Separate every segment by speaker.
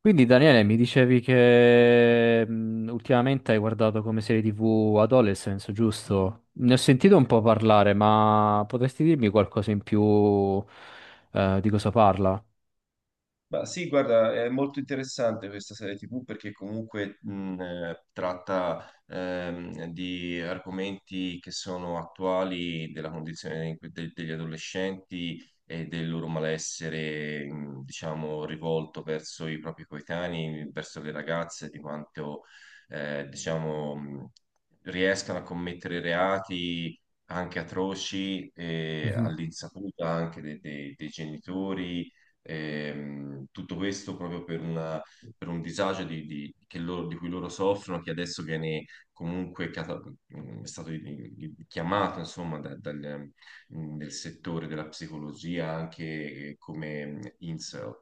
Speaker 1: Quindi Daniele, mi dicevi che ultimamente hai guardato come serie TV Adolescence, giusto? Ne ho sentito un po' parlare, ma potresti dirmi qualcosa in più di cosa parla?
Speaker 2: Ma sì, guarda, è molto interessante questa serie TV perché comunque tratta di argomenti che sono attuali della condizione degli adolescenti e del loro malessere, diciamo, rivolto verso i propri coetanei, verso le ragazze, di quanto, diciamo, riescano a commettere reati anche atroci,
Speaker 1: Mhm.
Speaker 2: all'insaputa anche dei genitori. Tutto questo proprio per un disagio che di cui loro soffrono, che adesso viene comunque cata- è stato chiamato, insomma, dal, del settore della psicologia anche come incel.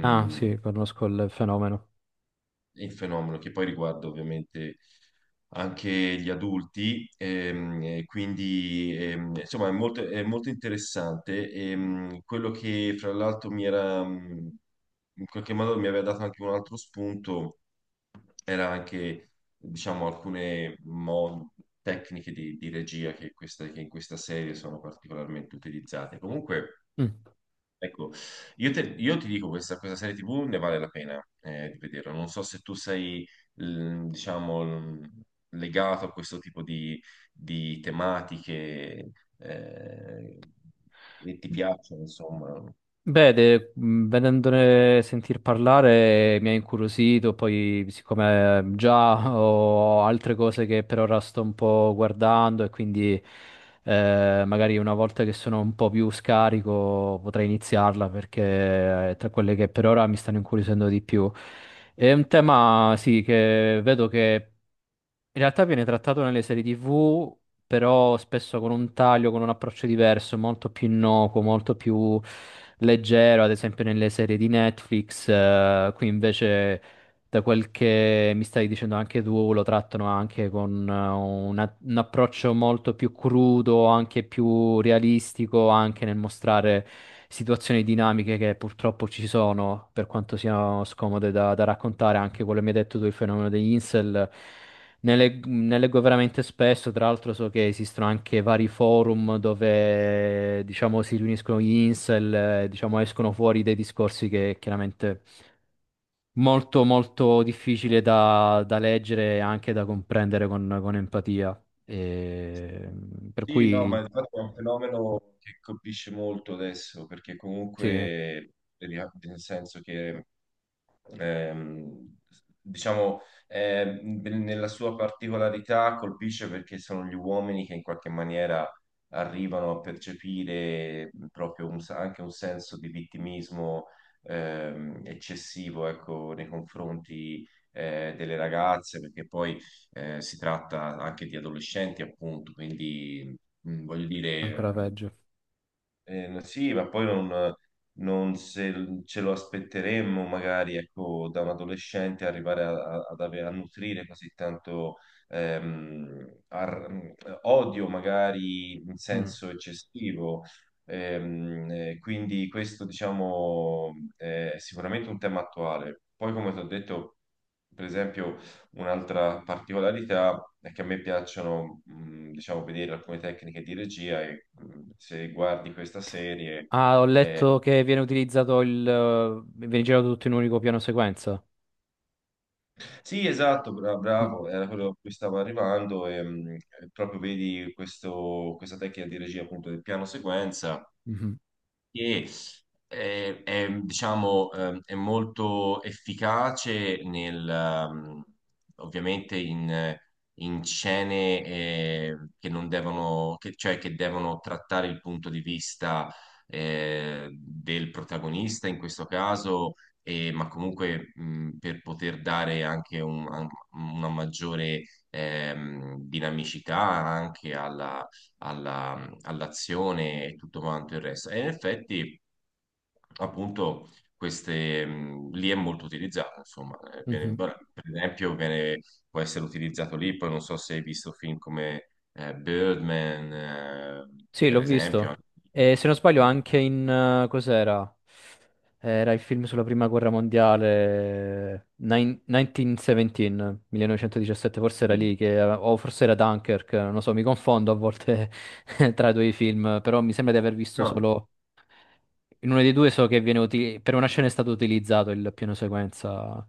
Speaker 1: Ah, sì, conosco il fenomeno.
Speaker 2: il fenomeno che poi riguarda ovviamente anche gli adulti, e quindi insomma è molto interessante. Quello che fra l'altro mi era in qualche modo mi aveva dato anche un altro spunto era anche diciamo tecniche di regia che, che in questa serie sono particolarmente utilizzate. Comunque.
Speaker 1: Mm.
Speaker 2: Ecco, io ti dico, questa serie TV ne vale la pena di vederla. Non so se tu sei, diciamo, legato a questo tipo di tematiche eh, e ti piacciono, insomma.
Speaker 1: Beh, vedendone sentir parlare mi ha incuriosito, poi siccome già ho altre cose che per ora sto un po' guardando, e quindi magari una volta che sono un po' più scarico potrei iniziarla, perché è tra quelle che per ora mi stanno incuriosendo di più. È un tema, sì, che vedo che in realtà viene trattato nelle serie TV, però spesso con un taglio, con un approccio diverso, molto più innocuo, molto più leggero, ad esempio nelle serie di Netflix. Qui invece, da quel che mi stai dicendo anche tu, lo trattano anche con un approccio molto più crudo, anche più realistico, anche nel mostrare situazioni dinamiche che purtroppo ci sono, per quanto siano scomode da, da raccontare, anche quello che mi hai detto tu, il fenomeno degli incel. Ne leggo veramente spesso, tra l'altro so che esistono anche vari forum dove, diciamo, si riuniscono gli incel, diciamo, escono fuori dei discorsi che chiaramente molto, molto difficile da, da leggere e anche da comprendere con empatia. E, per
Speaker 2: Sì, no, ma
Speaker 1: cui,
Speaker 2: infatti è un fenomeno che colpisce molto adesso, perché comunque,
Speaker 1: sì,
Speaker 2: nel senso che ehm, diciamo, nella sua particolarità colpisce perché sono gli uomini che in qualche maniera arrivano a percepire anche un senso di vittimismo eccessivo, ecco, nei confronti delle ragazze, perché poi si tratta anche di adolescenti, appunto, quindi voglio dire.
Speaker 1: ancora peggio.
Speaker 2: Eh, no, sì, ma poi non, non se ce lo aspetteremmo magari ecco, da un adolescente arrivare a, a nutrire così tanto ehm, ar- odio, magari in
Speaker 1: Mm.
Speaker 2: senso eccessivo. Quindi questo, diciamo, è sicuramente un tema attuale. Poi, come ti ho detto, per esempio. Un'altra particolarità è che a me piacciono, diciamo, vedere alcune tecniche di regia e se guardi questa serie...
Speaker 1: Ah, ho
Speaker 2: eh,
Speaker 1: letto che viene utilizzato il... viene girato tutto in un unico piano sequenza.
Speaker 2: sì, esatto,
Speaker 1: Mm.
Speaker 2: bravo, era quello a cui stavo arrivando e proprio vedi questa tecnica di regia appunto del piano sequenza
Speaker 1: Mhm.
Speaker 2: che diciamo, è molto efficace ovviamente in, in scene che non devono, che- cioè che devono trattare il punto di vista del protagonista in questo caso, ma comunque per poter dare anche una maggiore dinamicità anche all'azione e tutto quanto il resto. E in effetti, appunto, queste, lì è molto utilizzato, insomma.
Speaker 1: Mhm.
Speaker 2: Per esempio può essere utilizzato lì, poi non so se hai visto film come Birdman,
Speaker 1: Sì, l'ho
Speaker 2: per esempio. Anche-
Speaker 1: visto. E se non sbaglio
Speaker 2: Mm.
Speaker 1: anche in... cos'era? Era il film sulla prima guerra mondiale, 1917, 1917, forse era
Speaker 2: Sì.
Speaker 1: lì, che, o forse era Dunkirk, non lo so, mi confondo a volte tra i due film, però mi sembra di aver visto
Speaker 2: No.
Speaker 1: solo... In uno dei due so che viene per una scena è stato utilizzato il piano sequenza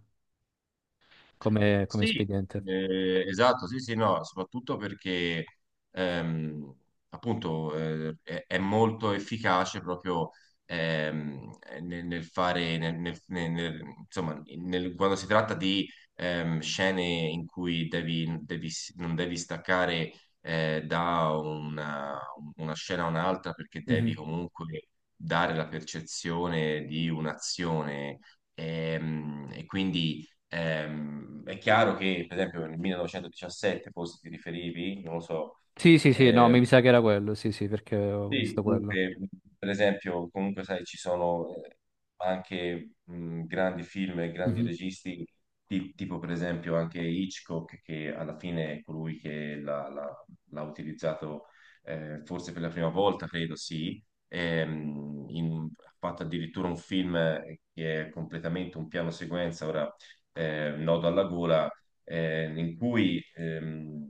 Speaker 1: come, come
Speaker 2: Sì,
Speaker 1: espediente.
Speaker 2: esatto, sì, sì, no, soprattutto perché ehm, appunto è molto efficace proprio nel, nel fare, insomma, nel- quando si tratta di scene in cui non devi staccare eh, da una, una scena a un'altra perché devi
Speaker 1: Mhm.
Speaker 2: comunque dare la percezione di un'azione e quindi è chiaro che, per esempio, nel 1917 forse ti riferivi, non lo so,
Speaker 1: Sì, sì, sì, no,
Speaker 2: eh,
Speaker 1: mi sa che era quello, sì, sì, perché ho
Speaker 2: sì,
Speaker 1: visto quello.
Speaker 2: comunque, per esempio, comunque sai, ci sono anche grandi film e grandi
Speaker 1: Mhm.
Speaker 2: registi, tipo per esempio anche Hitchcock, che alla fine è colui che l'ha utilizzato forse per la prima volta, credo sì. Ha fatto addirittura un film che è completamente un piano sequenza, ora nodo alla gola, in cui...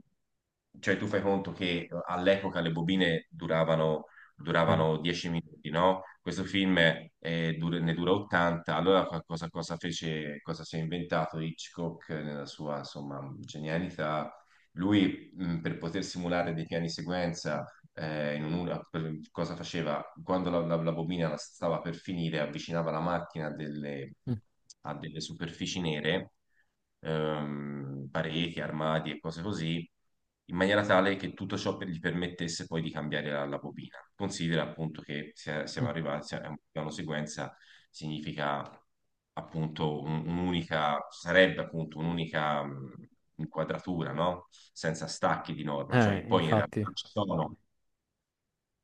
Speaker 2: cioè, tu fai conto che all'epoca le bobine
Speaker 1: Eh.
Speaker 2: duravano 10 minuti, no? Questo film ne dura 80, allora cosa fece, cosa si è inventato Hitchcock nella sua, insomma, genialità? Lui, per poter simulare dei piani sequenza, in un'ora, per- cosa faceva? Quando la bobina stava per finire, avvicinava la macchina
Speaker 1: Mm.
Speaker 2: a delle superfici nere pareti, armadi e cose così, in maniera tale che tutto ciò gli permettesse poi di cambiare la, la bobina. Considera appunto siamo arrivati, è un piano sequenza significa appunto un'unica, sarebbe appunto un'unica inquadratura, no? Senza stacchi di norma, cioè poi in
Speaker 1: Infatti.
Speaker 2: realtà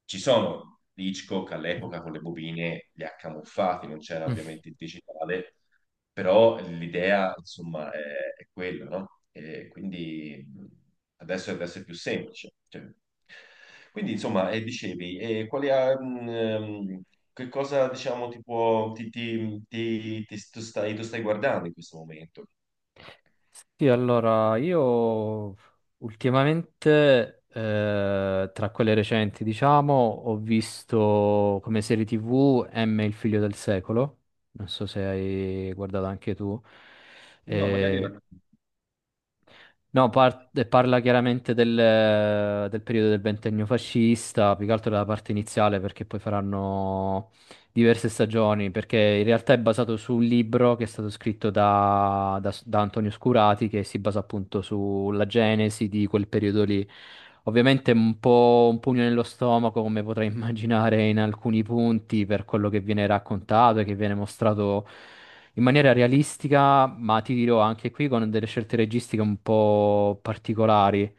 Speaker 2: ci sono Hitchcock all'epoca con le bobine li ha camuffati, non c'era
Speaker 1: Mm.
Speaker 2: ovviamente il digitale, però l'idea insomma è quella, no? E quindi adesso, adesso è più semplice. Cioè. Quindi insomma, e dicevi, e che cosa diciamo ti può, tu stai guardando in questo momento?
Speaker 1: Sì, allora, io ultimamente, tra quelle recenti, diciamo, ho visto come serie TV M, il figlio del secolo. Non so se hai guardato anche tu.
Speaker 2: No, magari
Speaker 1: Eh,
Speaker 2: no.
Speaker 1: No, parla chiaramente del, del periodo del ventennio fascista, più che altro della parte iniziale, perché poi faranno diverse stagioni, perché in realtà è basato su un libro che è stato scritto da, da Antonio Scurati, che si basa appunto sulla genesi di quel periodo lì. Ovviamente è un po' un pugno nello stomaco, come potrai immaginare in alcuni punti, per quello che viene raccontato e che viene mostrato in maniera realistica, ma ti dirò anche qui con delle scelte registiche un po' particolari,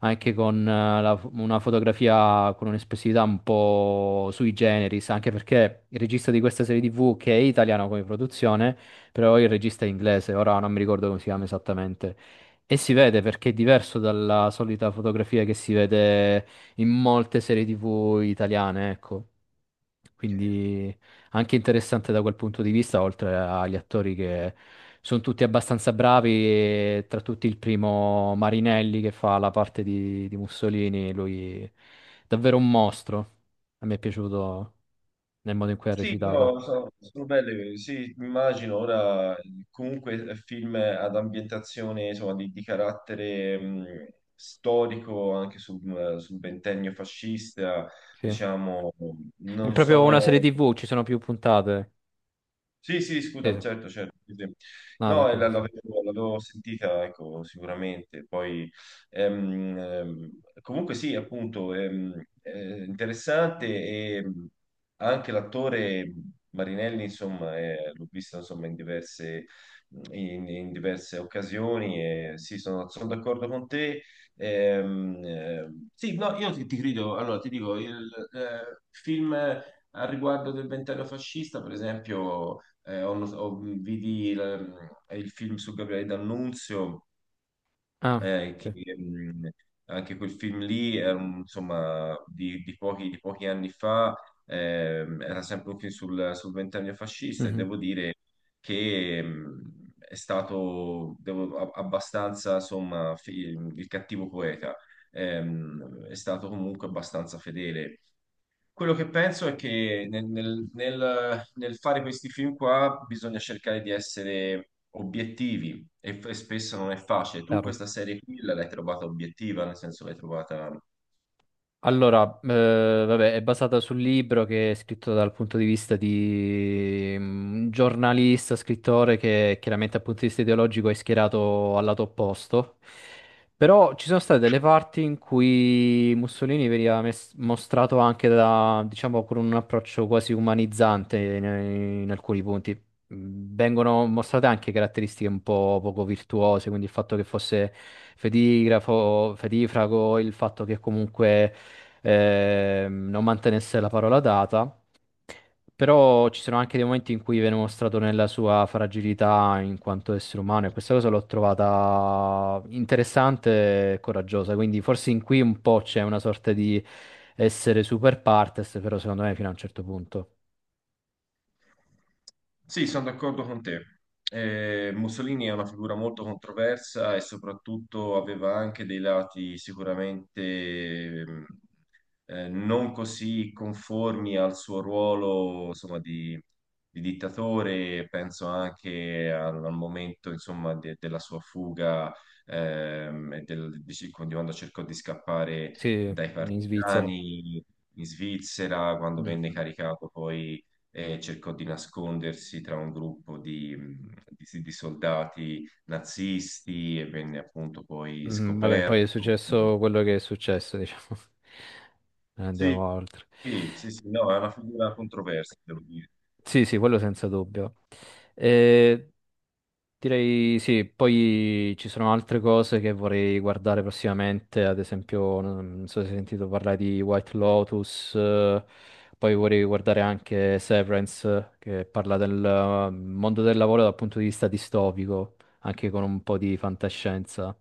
Speaker 1: anche con una fotografia con un'espressività un po' sui generis, anche perché il regista di questa serie TV, che è italiano come produzione, però il regista è inglese, ora non mi ricordo come si chiama esattamente. E si vede perché è diverso dalla solita fotografia che si vede in molte serie TV italiane, ecco. Quindi anche interessante da quel punto di vista, oltre agli attori che sono tutti abbastanza bravi, e tra tutti il primo Marinelli che fa la parte di Mussolini, lui è davvero un mostro. A me è piaciuto nel modo in cui ha
Speaker 2: Sì, no,
Speaker 1: recitato.
Speaker 2: sono, sono belle, sì, immagino ora comunque film ad ambientazione insomma, di carattere storico anche sul, sul ventennio fascista,
Speaker 1: Sì.
Speaker 2: diciamo,
Speaker 1: È
Speaker 2: non
Speaker 1: proprio una serie
Speaker 2: sono
Speaker 1: TV, ci sono più puntate.
Speaker 2: sì, sì,
Speaker 1: Sì,
Speaker 2: scusa,
Speaker 1: sì.
Speaker 2: certo, certo. sì, sì.
Speaker 1: No,
Speaker 2: No,
Speaker 1: tranquillo.
Speaker 2: l'avevo sentita, ecco, sicuramente. Poi, ehm, ehm, comunque sì, appunto, interessante e anche l'attore Marinelli, insomma, l'ho visto, insomma, in diverse, in, in diverse occasioni e sì, sono, sono d'accordo con te. Sì, no, io ti, ti credo, allora, ti dico, il film... Al riguardo del ventennio fascista, per esempio, vidi il, il film su Gabriele D'Annunzio,
Speaker 1: Ah,
Speaker 2: che
Speaker 1: sì.
Speaker 2: mh, anche quel film lì, insomma, di pochi anni fa, era sempre un film sul, sul ventennio fascista e
Speaker 1: Mhm,
Speaker 2: devo dire che è stato abbastanza, insomma, fi- il cattivo poeta. È stato comunque abbastanza fedele. Quello che penso è che nel fare questi film qua bisogna cercare di essere obiettivi e, e spesso non è facile. Tu
Speaker 1: chiaro.
Speaker 2: questa serie qui l'hai trovata obiettiva, nel senso l'hai trovata...
Speaker 1: Allora, vabbè, è basata sul libro che è scritto dal punto di vista di un giornalista, scrittore che chiaramente dal punto di vista ideologico è schierato al lato opposto. Però ci sono state delle parti in cui Mussolini veniva mostrato anche da, diciamo, con un approccio quasi umanizzante in, in alcuni punti. Mm. Vengono mostrate anche caratteristiche un po' poco virtuose, quindi il fatto che fosse fedigrafo, fedifrago, il fatto che comunque non mantenesse la parola data, però ci sono anche dei momenti in cui viene mostrato nella sua fragilità in quanto essere umano, e questa cosa l'ho trovata interessante e coraggiosa, quindi forse in qui un po' c'è una sorta di essere super partes, però secondo me fino a un certo punto.
Speaker 2: Sì, sono d'accordo con te. Mussolini è una figura molto controversa e soprattutto aveva anche dei lati sicuramente non così conformi al suo ruolo, insomma, di dittatore, penso anche al, al momento, insomma, della sua fuga, e di quando cercò di scappare
Speaker 1: Sì,
Speaker 2: dai
Speaker 1: in Svizzera.
Speaker 2: partigiani in Svizzera, quando venne
Speaker 1: Mm,
Speaker 2: caricato poi cercò di nascondersi tra un gruppo di, di soldati nazisti e venne appunto poi
Speaker 1: mm, vabbè, poi è
Speaker 2: scoperto.
Speaker 1: successo quello che è successo, diciamo. Non andiamo
Speaker 2: Sì,
Speaker 1: oltre.
Speaker 2: Sì, sì, sì, no, è una figura controversa, devo dire.
Speaker 1: Sì, sì, quello senza dubbio. Eh, Direi sì, poi ci sono altre cose che vorrei guardare prossimamente, ad esempio, non so se hai sentito parlare di White Lotus, poi vorrei guardare anche Severance, che parla del mondo del lavoro dal punto di vista distopico, anche con un po' di fantascienza.